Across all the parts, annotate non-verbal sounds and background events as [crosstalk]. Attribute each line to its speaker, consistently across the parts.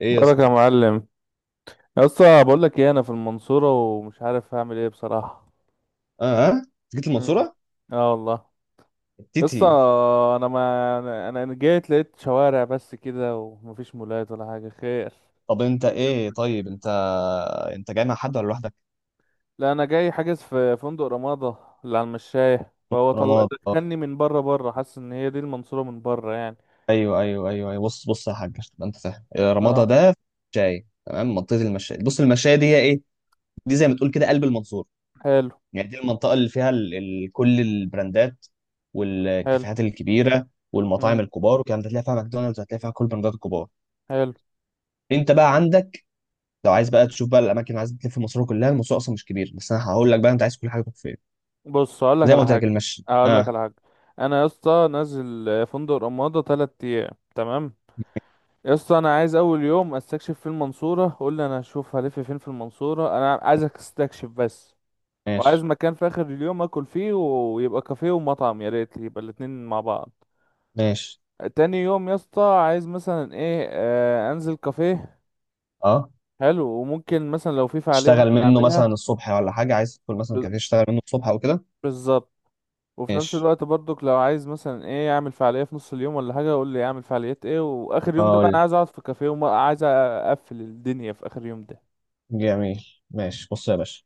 Speaker 1: ايه يا
Speaker 2: بارك يا
Speaker 1: اسطى؟
Speaker 2: معلم. يا اسطى، بقول لك ايه؟ انا في المنصوره ومش عارف هعمل ايه بصراحه.
Speaker 1: اه آه؟ جيت
Speaker 2: مم.
Speaker 1: المنصوره؟
Speaker 2: اه والله. يا
Speaker 1: تيتي.
Speaker 2: اسطى، انا ما انا جيت لقيت شوارع بس كده ومفيش مولات ولا حاجه. خير،
Speaker 1: طب انت
Speaker 2: قول لي يا
Speaker 1: ايه
Speaker 2: اسطى
Speaker 1: طيب
Speaker 2: كده.
Speaker 1: انت، انت جاي مع حد ولا لوحدك؟
Speaker 2: لا، انا جاي حاجز في فندق رمادة اللي على المشاية، فهو طلع
Speaker 1: رمضان.
Speaker 2: دخلني من بره بره، حاسس ان هي دي المنصورة من بره يعني.
Speaker 1: ايوه ايوه ايوه ايوه، بص بص يا حاج، عشان تبقى انت فاهم، رمضان
Speaker 2: اه.
Speaker 1: ده في شاي. تمام. منطقه المشاية، بص، المشاية دي هي ايه؟ دي زي ما تقول كده قلب المنصوره.
Speaker 2: حلو،
Speaker 1: يعني دي المنطقه اللي فيها كل البراندات
Speaker 2: حلو.
Speaker 1: والكافيهات الكبيره والمطاعم
Speaker 2: مم.
Speaker 1: الكبار والكلام ده. هتلاقي فيها ماكدونالدز، هتلاقي فيها كل البراندات الكبار.
Speaker 2: حلو.
Speaker 1: انت بقى عندك، لو عايز بقى تشوف بقى الاماكن اللي عايز تلف في المنصوره كلها، المنصوره اصلا مش كبير، بس انا هقول لك بقى انت عايز كل حاجه تروح فين.
Speaker 2: بص، اقول لك
Speaker 1: زي ما
Speaker 2: على
Speaker 1: قلت
Speaker 2: حاجة
Speaker 1: لك، المشي.
Speaker 2: اقول لك
Speaker 1: اه،
Speaker 2: على حاجة انا يا اسطى نازل فندق رمادة 3 ايام، تمام؟ يا اسطى، انا عايز اول يوم استكشف في المنصوره. قول لي انا هشوف هلف فين في المنصوره، انا عايزك استكشف بس. وعايز
Speaker 1: ماشي.
Speaker 2: مكان في اخر اليوم اكل فيه ويبقى كافيه ومطعم، يا ريت يبقى الاتنين مع بعض.
Speaker 1: ماشي.
Speaker 2: تاني يوم يا اسطى عايز مثلا ايه انزل كافيه.
Speaker 1: اه،
Speaker 2: حلو. وممكن مثلا لو في فعاليه
Speaker 1: تشتغل
Speaker 2: ممكن
Speaker 1: منه
Speaker 2: اعملها.
Speaker 1: مثلا الصبح ولا حاجه، عايز تدخل مثلا
Speaker 2: ب-
Speaker 1: كافيه تشتغل منه الصبح او كده.
Speaker 2: بالظبط. وفي نفس
Speaker 1: ماشي.
Speaker 2: الوقت برضك لو عايز مثلا ايه اعمل فعاليه في نص اليوم ولا حاجه، قول لي اعمل فعاليات ايه. واخر يوم ده بقى انا
Speaker 1: هقول.
Speaker 2: عايز اقعد في كافيه وعايز اقفل الدنيا في اخر يوم ده.
Speaker 1: جميل. ماشي، بص يا باشا،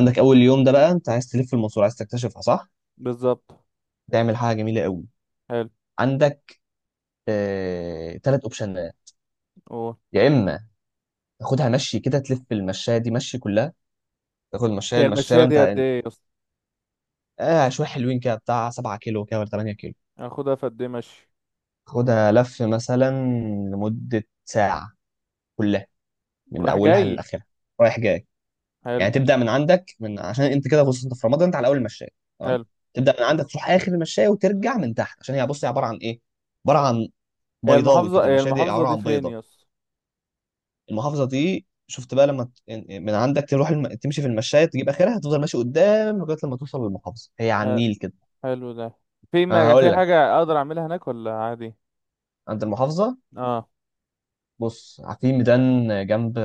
Speaker 2: مم.
Speaker 1: اول يوم ده بقى انت عايز تلف المنصوره، عايز تكتشفها، صح؟
Speaker 2: بالظبط.
Speaker 1: تعمل حاجه جميله قوي.
Speaker 2: حلو.
Speaker 1: عندك ثلاث اوبشنات.
Speaker 2: أوه.
Speaker 1: يا اما تاخدها مشي كده، تلف المشايه دي مشي كلها، تاخد المشايه،
Speaker 2: هي
Speaker 1: المشايه
Speaker 2: المشية
Speaker 1: بقى
Speaker 2: دي قد
Speaker 1: انت.
Speaker 2: ايه يا اسطى؟
Speaker 1: شويه حلوين كده، بتاع 7 كيلو كده ولا 8 كيلو.
Speaker 2: هاخدها في قد ايه مشي؟
Speaker 1: خدها لف مثلا لمده ساعه، كلها، من
Speaker 2: راح
Speaker 1: اولها
Speaker 2: جاي.
Speaker 1: لاخرها. رايح جاي.
Speaker 2: حلو.
Speaker 1: يعني تبدا من عندك، من عشان انت كده، بص انت في رمضان، انت على اول المشايه. تمام.
Speaker 2: حلو.
Speaker 1: تبدا من عندك تروح اخر المشايه وترجع من تحت، عشان هي، بص، هي عباره عن ايه؟ عباره عن
Speaker 2: هي
Speaker 1: بيضاوي
Speaker 2: المحافظة
Speaker 1: كده،
Speaker 2: هي
Speaker 1: المشايه دي
Speaker 2: المحافظة
Speaker 1: عباره
Speaker 2: دي
Speaker 1: عن
Speaker 2: فين
Speaker 1: بيضه.
Speaker 2: يا اسطى؟
Speaker 1: المحافظه دي شفت بقى لما من عندك تروح تمشي في المشايه تجيب اخرها، تفضل ماشي قدام لغايه لما توصل للمحافظه، هي على
Speaker 2: ح-
Speaker 1: النيل كده.
Speaker 2: حلو ده. في،
Speaker 1: انا
Speaker 2: ما
Speaker 1: هقول
Speaker 2: في
Speaker 1: لك،
Speaker 2: حاجة اقدر اعملها هناك ولا عادي؟
Speaker 1: عند المحافظه،
Speaker 2: اه،
Speaker 1: بص في ميدان جنب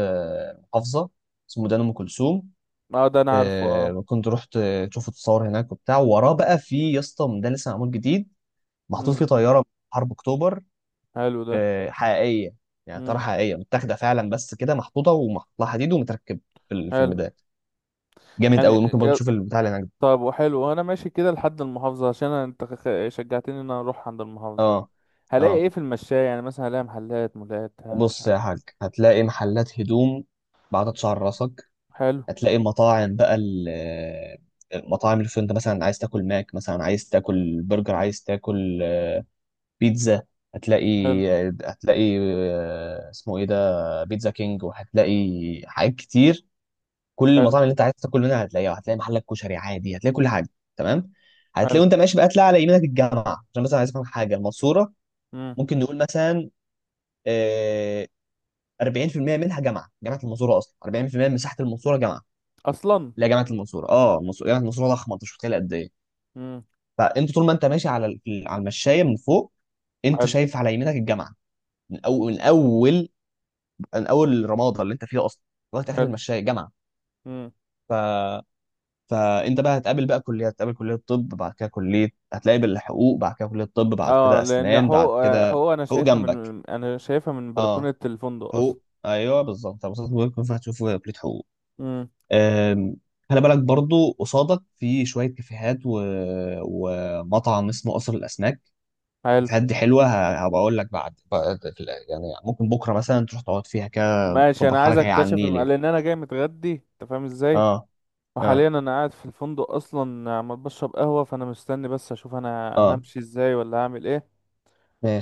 Speaker 1: محافظه اسمه ميدان ام كلثوم.
Speaker 2: اه. ده انا عارفه، اه.
Speaker 1: كنت رحت، شفت، تصور هناك وبتاع. وراه بقى في يا اسطى ده لسه معمول جديد، محطوط
Speaker 2: امم.
Speaker 1: فيه طياره من حرب اكتوبر.
Speaker 2: حلو ده.
Speaker 1: حقيقيه، يعني طياره
Speaker 2: امم.
Speaker 1: حقيقيه متاخده فعلا، بس كده محطوطه ومحطوط لها حديد ومتركب في الفيلم
Speaker 2: حلو
Speaker 1: ده. جامد
Speaker 2: يعني،
Speaker 1: قوي. ممكن برضه تشوف البتاع اللي هناك ده.
Speaker 2: طب وحلو وانا ماشي كده لحد المحافظة، عشان انت شجعتني ان انا اروح عند المحافظة.
Speaker 1: اه
Speaker 2: هلاقي
Speaker 1: اه.
Speaker 2: ايه في المشاية يعني؟ مثلا هلاقي محلات مولات
Speaker 1: بص يا
Speaker 2: هلاقي؟
Speaker 1: حاج، هتلاقي محلات هدوم بعدد شعر راسك.
Speaker 2: حلو،
Speaker 1: هتلاقي مطاعم بقى المطاعم اللي في، انت مثلا عايز تاكل ماك، مثلا عايز تاكل برجر، عايز تاكل بيتزا. هتلاقي.
Speaker 2: حلو،
Speaker 1: هتلاقي اسمه ايه ده، بيتزا كينج، وهتلاقي حاجات كتير. كل
Speaker 2: حلو،
Speaker 1: المطاعم اللي انت عايز تاكل منها هتلاقيها. هتلاقي محلك كشري عادي، هتلاقي كل حاجه. تمام.
Speaker 2: حلو.
Speaker 1: هتلاقي وانت ماشي بقى تلاقي على يمينك الجامعه. عشان مثلا عايز افهم حاجه، المنصوره
Speaker 2: امم.
Speaker 1: ممكن نقول مثلا آه، 40% منها جامعه. جامعه المنصوره اصلا 40% من مساحه المنصوره جامعه.
Speaker 2: اصلا.
Speaker 1: لا، جامعه المنصوره، اه، جامعه المنصوره ضخمه، انت مش متخيل قد ايه.
Speaker 2: امم.
Speaker 1: فانت طول ما انت ماشي على على المشايه من فوق، انت
Speaker 2: حلو،
Speaker 1: شايف على يمينك الجامعه. من اول من اول من اول رماده اللي انت فيها اصلا لغايه اخر
Speaker 2: حلو.
Speaker 1: المشاية جامعه.
Speaker 2: مم.
Speaker 1: ف، فانت بقى هتقابل بقى كليه، هتقابل كليه، طب بعد كده كليه، هتلاقي بالحقوق، بعد كده كليه، طب بعد
Speaker 2: اه،
Speaker 1: كده
Speaker 2: لان
Speaker 1: اسنان
Speaker 2: حقوق،
Speaker 1: بعد كده.
Speaker 2: حقوق انا
Speaker 1: حقوق
Speaker 2: شايفها
Speaker 1: جنبك.
Speaker 2: من انا شايفها من
Speaker 1: اه،
Speaker 2: بلكونة الفندق اصلا.
Speaker 1: حقوق، ايوه بالظبط، مبسوط بيكون، فهتشوف كليه حقوق.
Speaker 2: امم.
Speaker 1: أم، خلي بالك برضو قصادك في شويه كافيهات ومطعم اسمه قصر الاسماك.
Speaker 2: حلو.
Speaker 1: الكافيهات دي حلوه، هبقى اقول لك يعني ممكن بكره مثلا تروح تقعد فيها كده،
Speaker 2: ماشي،
Speaker 1: تظبط
Speaker 2: انا عايز
Speaker 1: حالك، هي على
Speaker 2: اكتشف
Speaker 1: النيل يعني.
Speaker 2: لان انا جاي متغدي، انت فاهم ازاي.
Speaker 1: اه
Speaker 2: وحاليا
Speaker 1: اه
Speaker 2: انا قاعد في الفندق اصلا عمال بشرب قهوة، فانا مستني بس اشوف انا
Speaker 1: اه.
Speaker 2: همشي ازاي ولا هعمل ايه.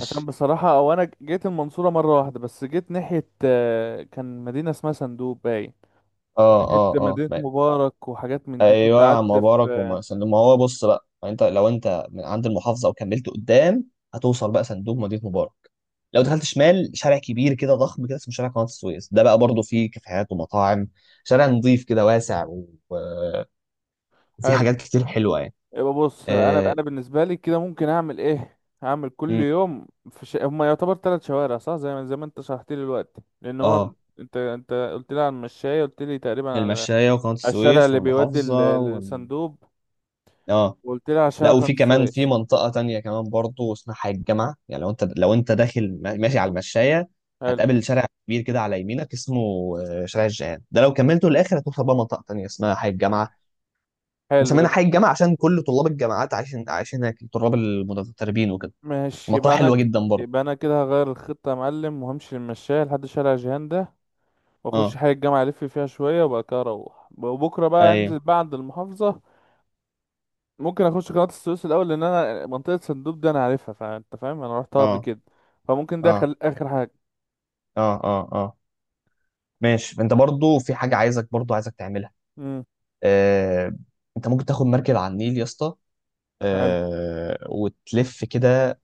Speaker 2: عشان بصراحة، او انا جيت المنصورة مرة واحدة بس. جيت ناحية كان مدينة اسمها صندوق باين،
Speaker 1: اه
Speaker 2: ناحية
Speaker 1: اه اه
Speaker 2: مدينة
Speaker 1: ما-
Speaker 2: مبارك وحاجات من دي، كنت
Speaker 1: ايوه يا عم،
Speaker 2: قعدت
Speaker 1: مبارك
Speaker 2: في.
Speaker 1: وما سندوم، ما هو بص بقى، ما انت لو انت من عند المحافظه وكملت قدام هتوصل بقى صندوق مدينه مبارك. لو دخلت شمال، شارع كبير كده ضخم كده اسمه شارع قناه السويس، ده بقى برضه فيه كافيهات ومطاعم، شارع نظيف كده واسع وفيه
Speaker 2: حلو
Speaker 1: حاجات كتير حلوه يعني.
Speaker 2: يبقى. بص، انا
Speaker 1: اه,
Speaker 2: انا بالنسبه لي كده ممكن اعمل ايه؟ هعمل كل
Speaker 1: مم.
Speaker 2: يوم في هما يعتبر 3 شوارع صح، زي ما انت شرحت لي دلوقتي. لان هو
Speaker 1: آه.
Speaker 2: انت قلت لي على المشاية، قلت لي تقريبا على
Speaker 1: المشايه وقناه
Speaker 2: على الشارع
Speaker 1: السويس
Speaker 2: اللي بيودي
Speaker 1: والمحافظه
Speaker 2: الصندوب،
Speaker 1: اه.
Speaker 2: وقلت لي على
Speaker 1: لا،
Speaker 2: شارع قناة
Speaker 1: وفي كمان في
Speaker 2: السويس.
Speaker 1: منطقة تانية كمان برضو اسمها الجامعة. يعني لو انت، لو انت داخل ماشي على المشاية،
Speaker 2: حلو.
Speaker 1: هتقابل شارع كبير كده على يمينك اسمه شارع الجيهان، ده لو كملته للآخر هتوصل بقى منطقة تانية اسمها حي الجامعة.
Speaker 2: حلو،
Speaker 1: مسمينها حي
Speaker 2: يبقى
Speaker 1: الجامعة عشان كل طلاب الجامعات عايشين عايشين هناك، طلاب المتدربين وكده.
Speaker 2: ماشي.
Speaker 1: منطقة
Speaker 2: يبقى انا
Speaker 1: حلوة جدا برضو.
Speaker 2: يبقى انا كده هغير الخطه يا معلم وهمشي المشاية لحد شارع جهان ده، واخش
Speaker 1: اه،
Speaker 2: حي الجامعه الف فيها شويه وبعد كده اروح. وبكره بقى
Speaker 1: ايوه.
Speaker 2: انزل بقى عند المحافظه. ممكن اخش قناة السويس الاول، لان انا منطقة صندوق دي انا عارفها، فانت فاهم انا رحتها قبل
Speaker 1: اه
Speaker 2: كده. فممكن ده
Speaker 1: اه
Speaker 2: اخر حاجة.
Speaker 1: اه اه اه. ماشي. انت برضو في حاجة، عايزك برضو عايزك تعملها.
Speaker 2: امم.
Speaker 1: آه. انت ممكن تاخد مركب على النيل يا اسطى،
Speaker 2: حلو.
Speaker 1: وتلف كده.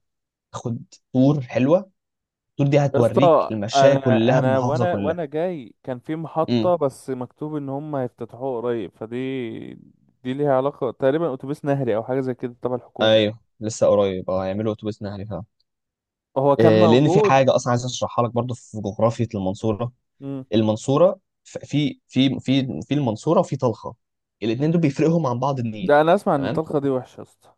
Speaker 1: تاخد تور حلوه، التور دي
Speaker 2: يا
Speaker 1: هتوريك
Speaker 2: اسطى،
Speaker 1: المشاية
Speaker 2: انا
Speaker 1: كلها
Speaker 2: انا
Speaker 1: بالمحافظه
Speaker 2: وانا
Speaker 1: كلها.
Speaker 2: وانا جاي كان في
Speaker 1: امم.
Speaker 2: محطة، بس مكتوب ان هم هيفتتحوها قريب، فدي دي ليها علاقة تقريبا اتوبيس نهري او حاجة زي كده تبع الحكومة.
Speaker 1: ايوه، لسه قريب، اه، هيعملوا اتوبيس نهري فعلا.
Speaker 2: هو كان
Speaker 1: لان في
Speaker 2: موجود.
Speaker 1: حاجه اصلا عايز اشرحها لك برضو، في جغرافيه المنصوره،
Speaker 2: امم.
Speaker 1: المنصوره ف- في في في في المنصوره وفي طلخه، الاثنين دول بيفرقهم عن بعض النيل.
Speaker 2: لا، انا اسمع ان
Speaker 1: تمام.
Speaker 2: الطلقة دي وحشة يا اسطى.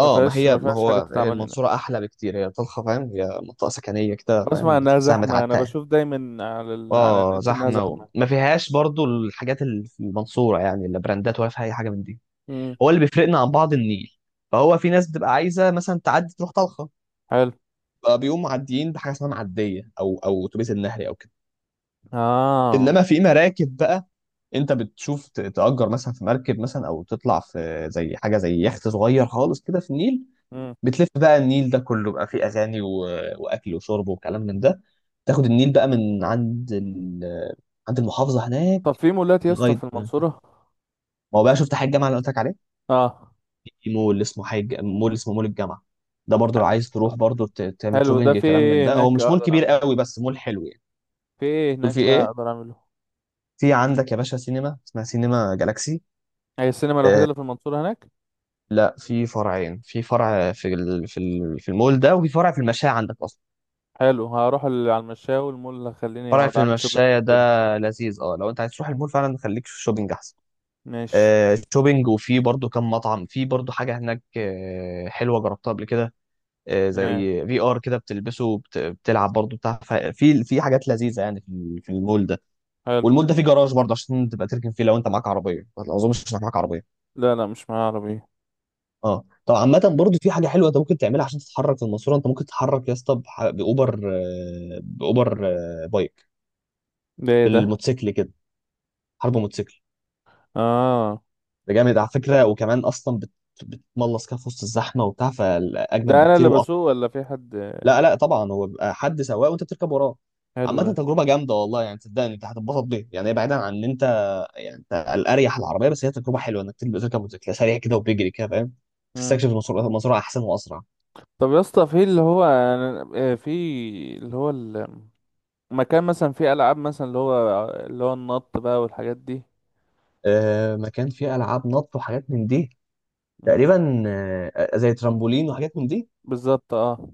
Speaker 2: ما
Speaker 1: ما
Speaker 2: فيهاش
Speaker 1: هي،
Speaker 2: ما
Speaker 1: ما
Speaker 2: فيهاش
Speaker 1: هو،
Speaker 2: حاجة
Speaker 1: هي
Speaker 2: تتعمل هنا.
Speaker 1: المنصوره احلى بكتير، هي طلخه فاهم، هي منطقه سكنيه كده
Speaker 2: اسمع
Speaker 1: فاهم،
Speaker 2: انها
Speaker 1: تحسها
Speaker 2: زحمة، انا
Speaker 1: متعتقه.
Speaker 2: بشوف دايما على على
Speaker 1: اه،
Speaker 2: النت انها
Speaker 1: زحمه،
Speaker 2: زحمة.
Speaker 1: وما فيهاش برضو الحاجات اللي في المنصوره، يعني لا براندات ولا في اي حاجه من دي.
Speaker 2: امم.
Speaker 1: هو اللي بيفرقنا عن بعض النيل، فهو في ناس بتبقى عايزه مثلا تعدي تروح طلخه،
Speaker 2: حلو.
Speaker 1: بقى بيقوموا معديين بحاجه اسمها معديه او او اتوبيس النهري او كده.
Speaker 2: اه.
Speaker 1: انما في مراكب بقى، انت بتشوف تأجر مثلا في مركب مثلا، او تطلع في زي حاجه زي يخت صغير خالص كده في النيل،
Speaker 2: مم.
Speaker 1: بتلف بقى النيل ده كله بقى، فيه اغاني واكل وشرب وكلام من ده. تاخد النيل بقى من عند عند المحافظه هناك
Speaker 2: طب في مولات يا اسطى
Speaker 1: لغايه
Speaker 2: في
Speaker 1: ما.
Speaker 2: المنصورة؟
Speaker 1: هو بقى، شفت حاجه، الجامعه اللي قلت لك عليها،
Speaker 2: اه.
Speaker 1: في مول اسمه حاج، مول اسمه مول الجامعه، ده برضو لو عايز تروح برضو تعمل
Speaker 2: حلو ده.
Speaker 1: شوبينج
Speaker 2: في
Speaker 1: كلام من
Speaker 2: ايه
Speaker 1: ده، هو
Speaker 2: هناك
Speaker 1: مش مول
Speaker 2: اقدر
Speaker 1: كبير
Speaker 2: اعمله؟
Speaker 1: قوي بس مول حلو يعني.
Speaker 2: في ايه
Speaker 1: دول في
Speaker 2: هناك بقى
Speaker 1: ايه؟
Speaker 2: اقدر اعمله؟
Speaker 1: في عندك يا باشا سينما اسمها سينما جالاكسي.
Speaker 2: هي السينما الوحيدة
Speaker 1: آه،
Speaker 2: اللي في المنصورة هناك؟
Speaker 1: لا، في فرعين، في فرع في في المول ده، وفي فرع في المشاية عندك اصلا.
Speaker 2: حلو، هروح على المشاوي، المول اللي هخليني
Speaker 1: فرع
Speaker 2: اقعد
Speaker 1: في
Speaker 2: اعمل شوبينج
Speaker 1: المشاية ده
Speaker 2: وكده.
Speaker 1: لذيذ، اه. لو انت عايز تروح المول فعلا، خليك في الشوبينج احسن.
Speaker 2: ماشي.
Speaker 1: شوبينج. وفي برضو كم مطعم، في برضو حاجة هناك حلوة جربتها قبل كده، زي
Speaker 2: ايه؟
Speaker 1: في ار كده بتلبسه بتلعب برضه بتاع، في في حاجات لذيذه يعني في في المول ده.
Speaker 2: حلو.
Speaker 1: والمول ده فيه جراج برضه عشان تبقى تركن فيه لو انت معاك عربيه، ما اظنش انك معاك عربيه.
Speaker 2: لا، لا، مش معايا عربية.
Speaker 1: اه، طب عامه برضه في حاجه حلوه انت ممكن تعملها عشان تتحرك في الماسوره، انت ممكن تتحرك يا اسطى بح- باوبر آه، باوبر آه، بايك،
Speaker 2: ده ايه ده؟
Speaker 1: بالموتوسيكل كده، حرب موتوسيكل.
Speaker 2: اه،
Speaker 1: ده جامد على فكره، وكمان اصلا بتملص كده في وسط الزحمه وبتاع، فاجمد
Speaker 2: ده انا
Speaker 1: بكتير.
Speaker 2: اللي بسوق ولا في حد؟
Speaker 1: لا لا، طبعا هو بيبقى حد سواق وانت بتركب وراه.
Speaker 2: حلو
Speaker 1: عامة
Speaker 2: ده.
Speaker 1: تجربة جامدة والله، يعني صدقني انت هتتبسط بيها يعني، هي بعيدا عن ان انت، يعني انت الاريح العربية، بس هي تجربة حلوة انك تبقى تركب موتوسيكل سريع كده وبيجري كده فاهم،
Speaker 2: مم.
Speaker 1: تستكشف المسار، المسار احسن واسرع.
Speaker 2: طب يا اسطى، في اللي هو اللي هو المكان مثلا فيه العاب مثلا اللي هو النط بقى والحاجات دي.
Speaker 1: مكان فيه العاب نط وحاجات من دي،
Speaker 2: مم.
Speaker 1: تقريبا زي ترامبولين وحاجات من دي.
Speaker 2: بالظبط، اه.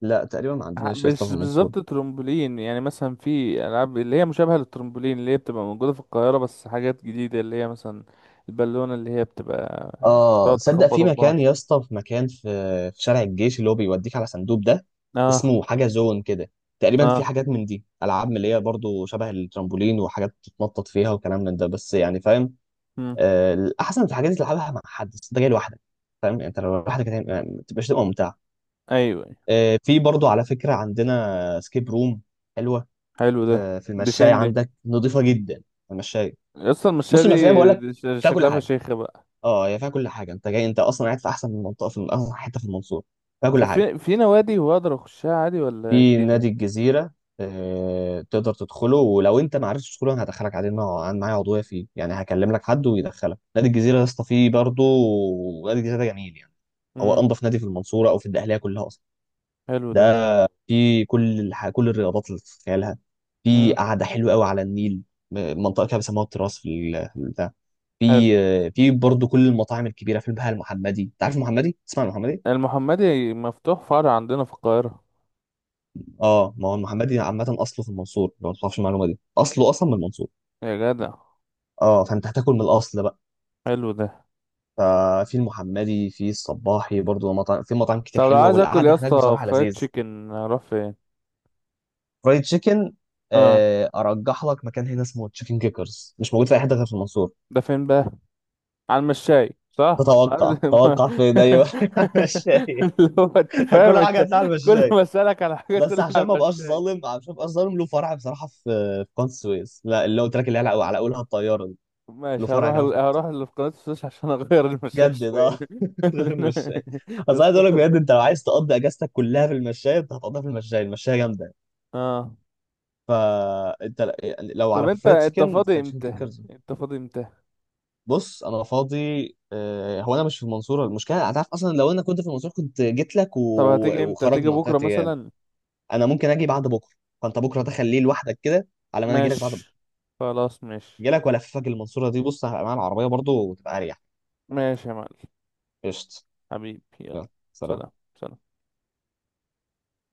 Speaker 1: لا تقريبا ما عندناش يا اسطى
Speaker 2: مش
Speaker 1: في المنصورة.
Speaker 2: بالظبط ترمبولين، يعني مثلا في العاب اللي هي مشابهه للترمبولين اللي هي بتبقى موجوده في القاهره، بس حاجات جديده اللي هي مثلا البالونه اللي هي بتبقى
Speaker 1: اه
Speaker 2: بتقعد
Speaker 1: صدق، في
Speaker 2: تخبطوا في
Speaker 1: مكان
Speaker 2: بعض.
Speaker 1: يا اسطى، في مكان في في شارع الجيش اللي هو بيوديك على صندوق ده،
Speaker 2: اه،
Speaker 1: اسمه حاجه زون كده، تقريبا في
Speaker 2: اه.
Speaker 1: حاجات من دي، العاب اللي هي برضو شبه الترامبولين وحاجات تتنطط فيها وكلام من ده، بس يعني فاهم،
Speaker 2: مم.
Speaker 1: الاحسن في الحاجات دي تلعبها مع حد، بس انت جاي لوحدك، فاهم يعني. انت لو لوحدك يعني ما تبقاش تبقى ممتع.
Speaker 2: ايوه. أيوة.
Speaker 1: في برضو على فكره عندنا سكيب روم حلوه،
Speaker 2: حلو ده.
Speaker 1: في في
Speaker 2: دي فين
Speaker 1: المشايه
Speaker 2: دي؟
Speaker 1: عندك، نظيفه جدا. المشايه،
Speaker 2: اصلا المشاية
Speaker 1: بص، المشايه بقول
Speaker 2: دي
Speaker 1: لك
Speaker 2: دي
Speaker 1: فيها كل
Speaker 2: شكلها
Speaker 1: حاجه،
Speaker 2: فشيخة بقى.
Speaker 1: اه هي فيها كل حاجه، انت جاي انت اصلا قاعد في احسن منطقه في احسن حته في المنصوره، فيها كل
Speaker 2: طب،
Speaker 1: حاجه.
Speaker 2: في نوادي هو اقدر اخشها عادي ولا إيه
Speaker 1: في
Speaker 2: الدنيا؟
Speaker 1: نادي الجزيره، تقدر تدخله، ولو انت ما عرفتش تدخله، انا هدخلك عليه، انا أنا معايا عضويه فيه، يعني هكلم لك حد ويدخلك نادي الجزيره يا اسطى. فيه برضه نادي الجزيره ده جميل يعني، هو
Speaker 2: امم.
Speaker 1: انضف نادي في المنصوره او في الدقهليه كلها اصلا
Speaker 2: حلو ده.
Speaker 1: ده. في كل الرياضات اللي تتخيلها. في
Speaker 2: امم.
Speaker 1: قعده حلوه قوي على النيل، منطقه كده بيسموها التراس في في البتاع.
Speaker 2: حلو.
Speaker 1: في في برضه كل المطاعم الكبيره، في البهاء، المحمدي، انت عارف المحمدي؟ تسمع عن المحمدي.
Speaker 2: المحمدي مفتوح فرع عندنا في القاهره.
Speaker 1: اه، ما هو المحمدي عامه اصله في المنصور، لو ما تعرفش المعلومه دي، اصله اصلا من المنصور.
Speaker 2: يا جدع.
Speaker 1: اه، فانت هتاكل من الاصل بقى.
Speaker 2: حلو ده.
Speaker 1: ففي المحمدي، في الصباحي برضه مطاعم، في مطاعم
Speaker 2: طب
Speaker 1: كتير
Speaker 2: لو
Speaker 1: حلوه
Speaker 2: عايز اكل يا
Speaker 1: والقعده هناك
Speaker 2: اسطى
Speaker 1: بصراحه
Speaker 2: فرايد
Speaker 1: لذيذ.
Speaker 2: تشيكن، اروح فين؟
Speaker 1: فرايد تشيكن
Speaker 2: اه.
Speaker 1: ارجح لك مكان هنا اسمه تشيكن كيكرز، مش موجود في اي حته غير في المنصور.
Speaker 2: ده فين بقى؟ على المشاي صح،
Speaker 1: تتوقع توقع فين؟ ايوه [laughs] مشاية،
Speaker 2: [laughs] اللي هو انت فاهم
Speaker 1: كل حاجه
Speaker 2: انت.
Speaker 1: هتلاقي على
Speaker 2: كل
Speaker 1: المشاية.
Speaker 2: ما اسالك على حاجه تقول
Speaker 1: بس
Speaker 2: لي
Speaker 1: عشان
Speaker 2: على
Speaker 1: ما بقاش
Speaker 2: المشاي.
Speaker 1: ظالم، عشان ما بقاش ظالم، له فرع بصراحه في في قناة السويس، لا اللي قلت لك اللي هي على على اولها الطياره دي. له
Speaker 2: ماشي،
Speaker 1: فرع
Speaker 2: هروح
Speaker 1: كمان
Speaker 2: ال-
Speaker 1: في-
Speaker 2: هروح اللي في قناه السويس عشان اغير المشاي
Speaker 1: جدد،
Speaker 2: شويه
Speaker 1: اه [laughs] غير المشاية.
Speaker 2: [laughs] يا
Speaker 1: بس عايز
Speaker 2: اسطى.
Speaker 1: اقول لك بجد، انت لو عايز تقضي اجازتك كلها في المشاية، انت هتقضيها في المشاية، المشاية جامده.
Speaker 2: اه.
Speaker 1: فانت يعني لو
Speaker 2: طب،
Speaker 1: على
Speaker 2: انت
Speaker 1: فرايد
Speaker 2: انت
Speaker 1: تشيكن
Speaker 2: فاضي
Speaker 1: فتشيكن
Speaker 2: امتى؟
Speaker 1: كيكرز.
Speaker 2: انت فاضي امتى؟
Speaker 1: بص انا فاضي، هو انا مش في المنصوره المشكله، هتعرف اصلا لو انا كنت في المنصوره كنت جيت لك
Speaker 2: طب هتيجي امتى؟ هتيجي
Speaker 1: وخرجنا
Speaker 2: بكره
Speaker 1: بتاعت.
Speaker 2: مثلا؟
Speaker 1: انا ممكن اجي بعد بكره، فانت بكره تخليه لوحدك كده على ما انا اجي لك بعد بكره،
Speaker 2: ماشي، خلاص، ماشي.
Speaker 1: اجي لك والففك المنصوره دي، بص هبقى معايا العربيه برضو وتبقى اريح.
Speaker 2: ماشي يا معلم.
Speaker 1: قشط.
Speaker 2: حبيبي، يلا.
Speaker 1: يلا. سلام.
Speaker 2: سلام، سلام.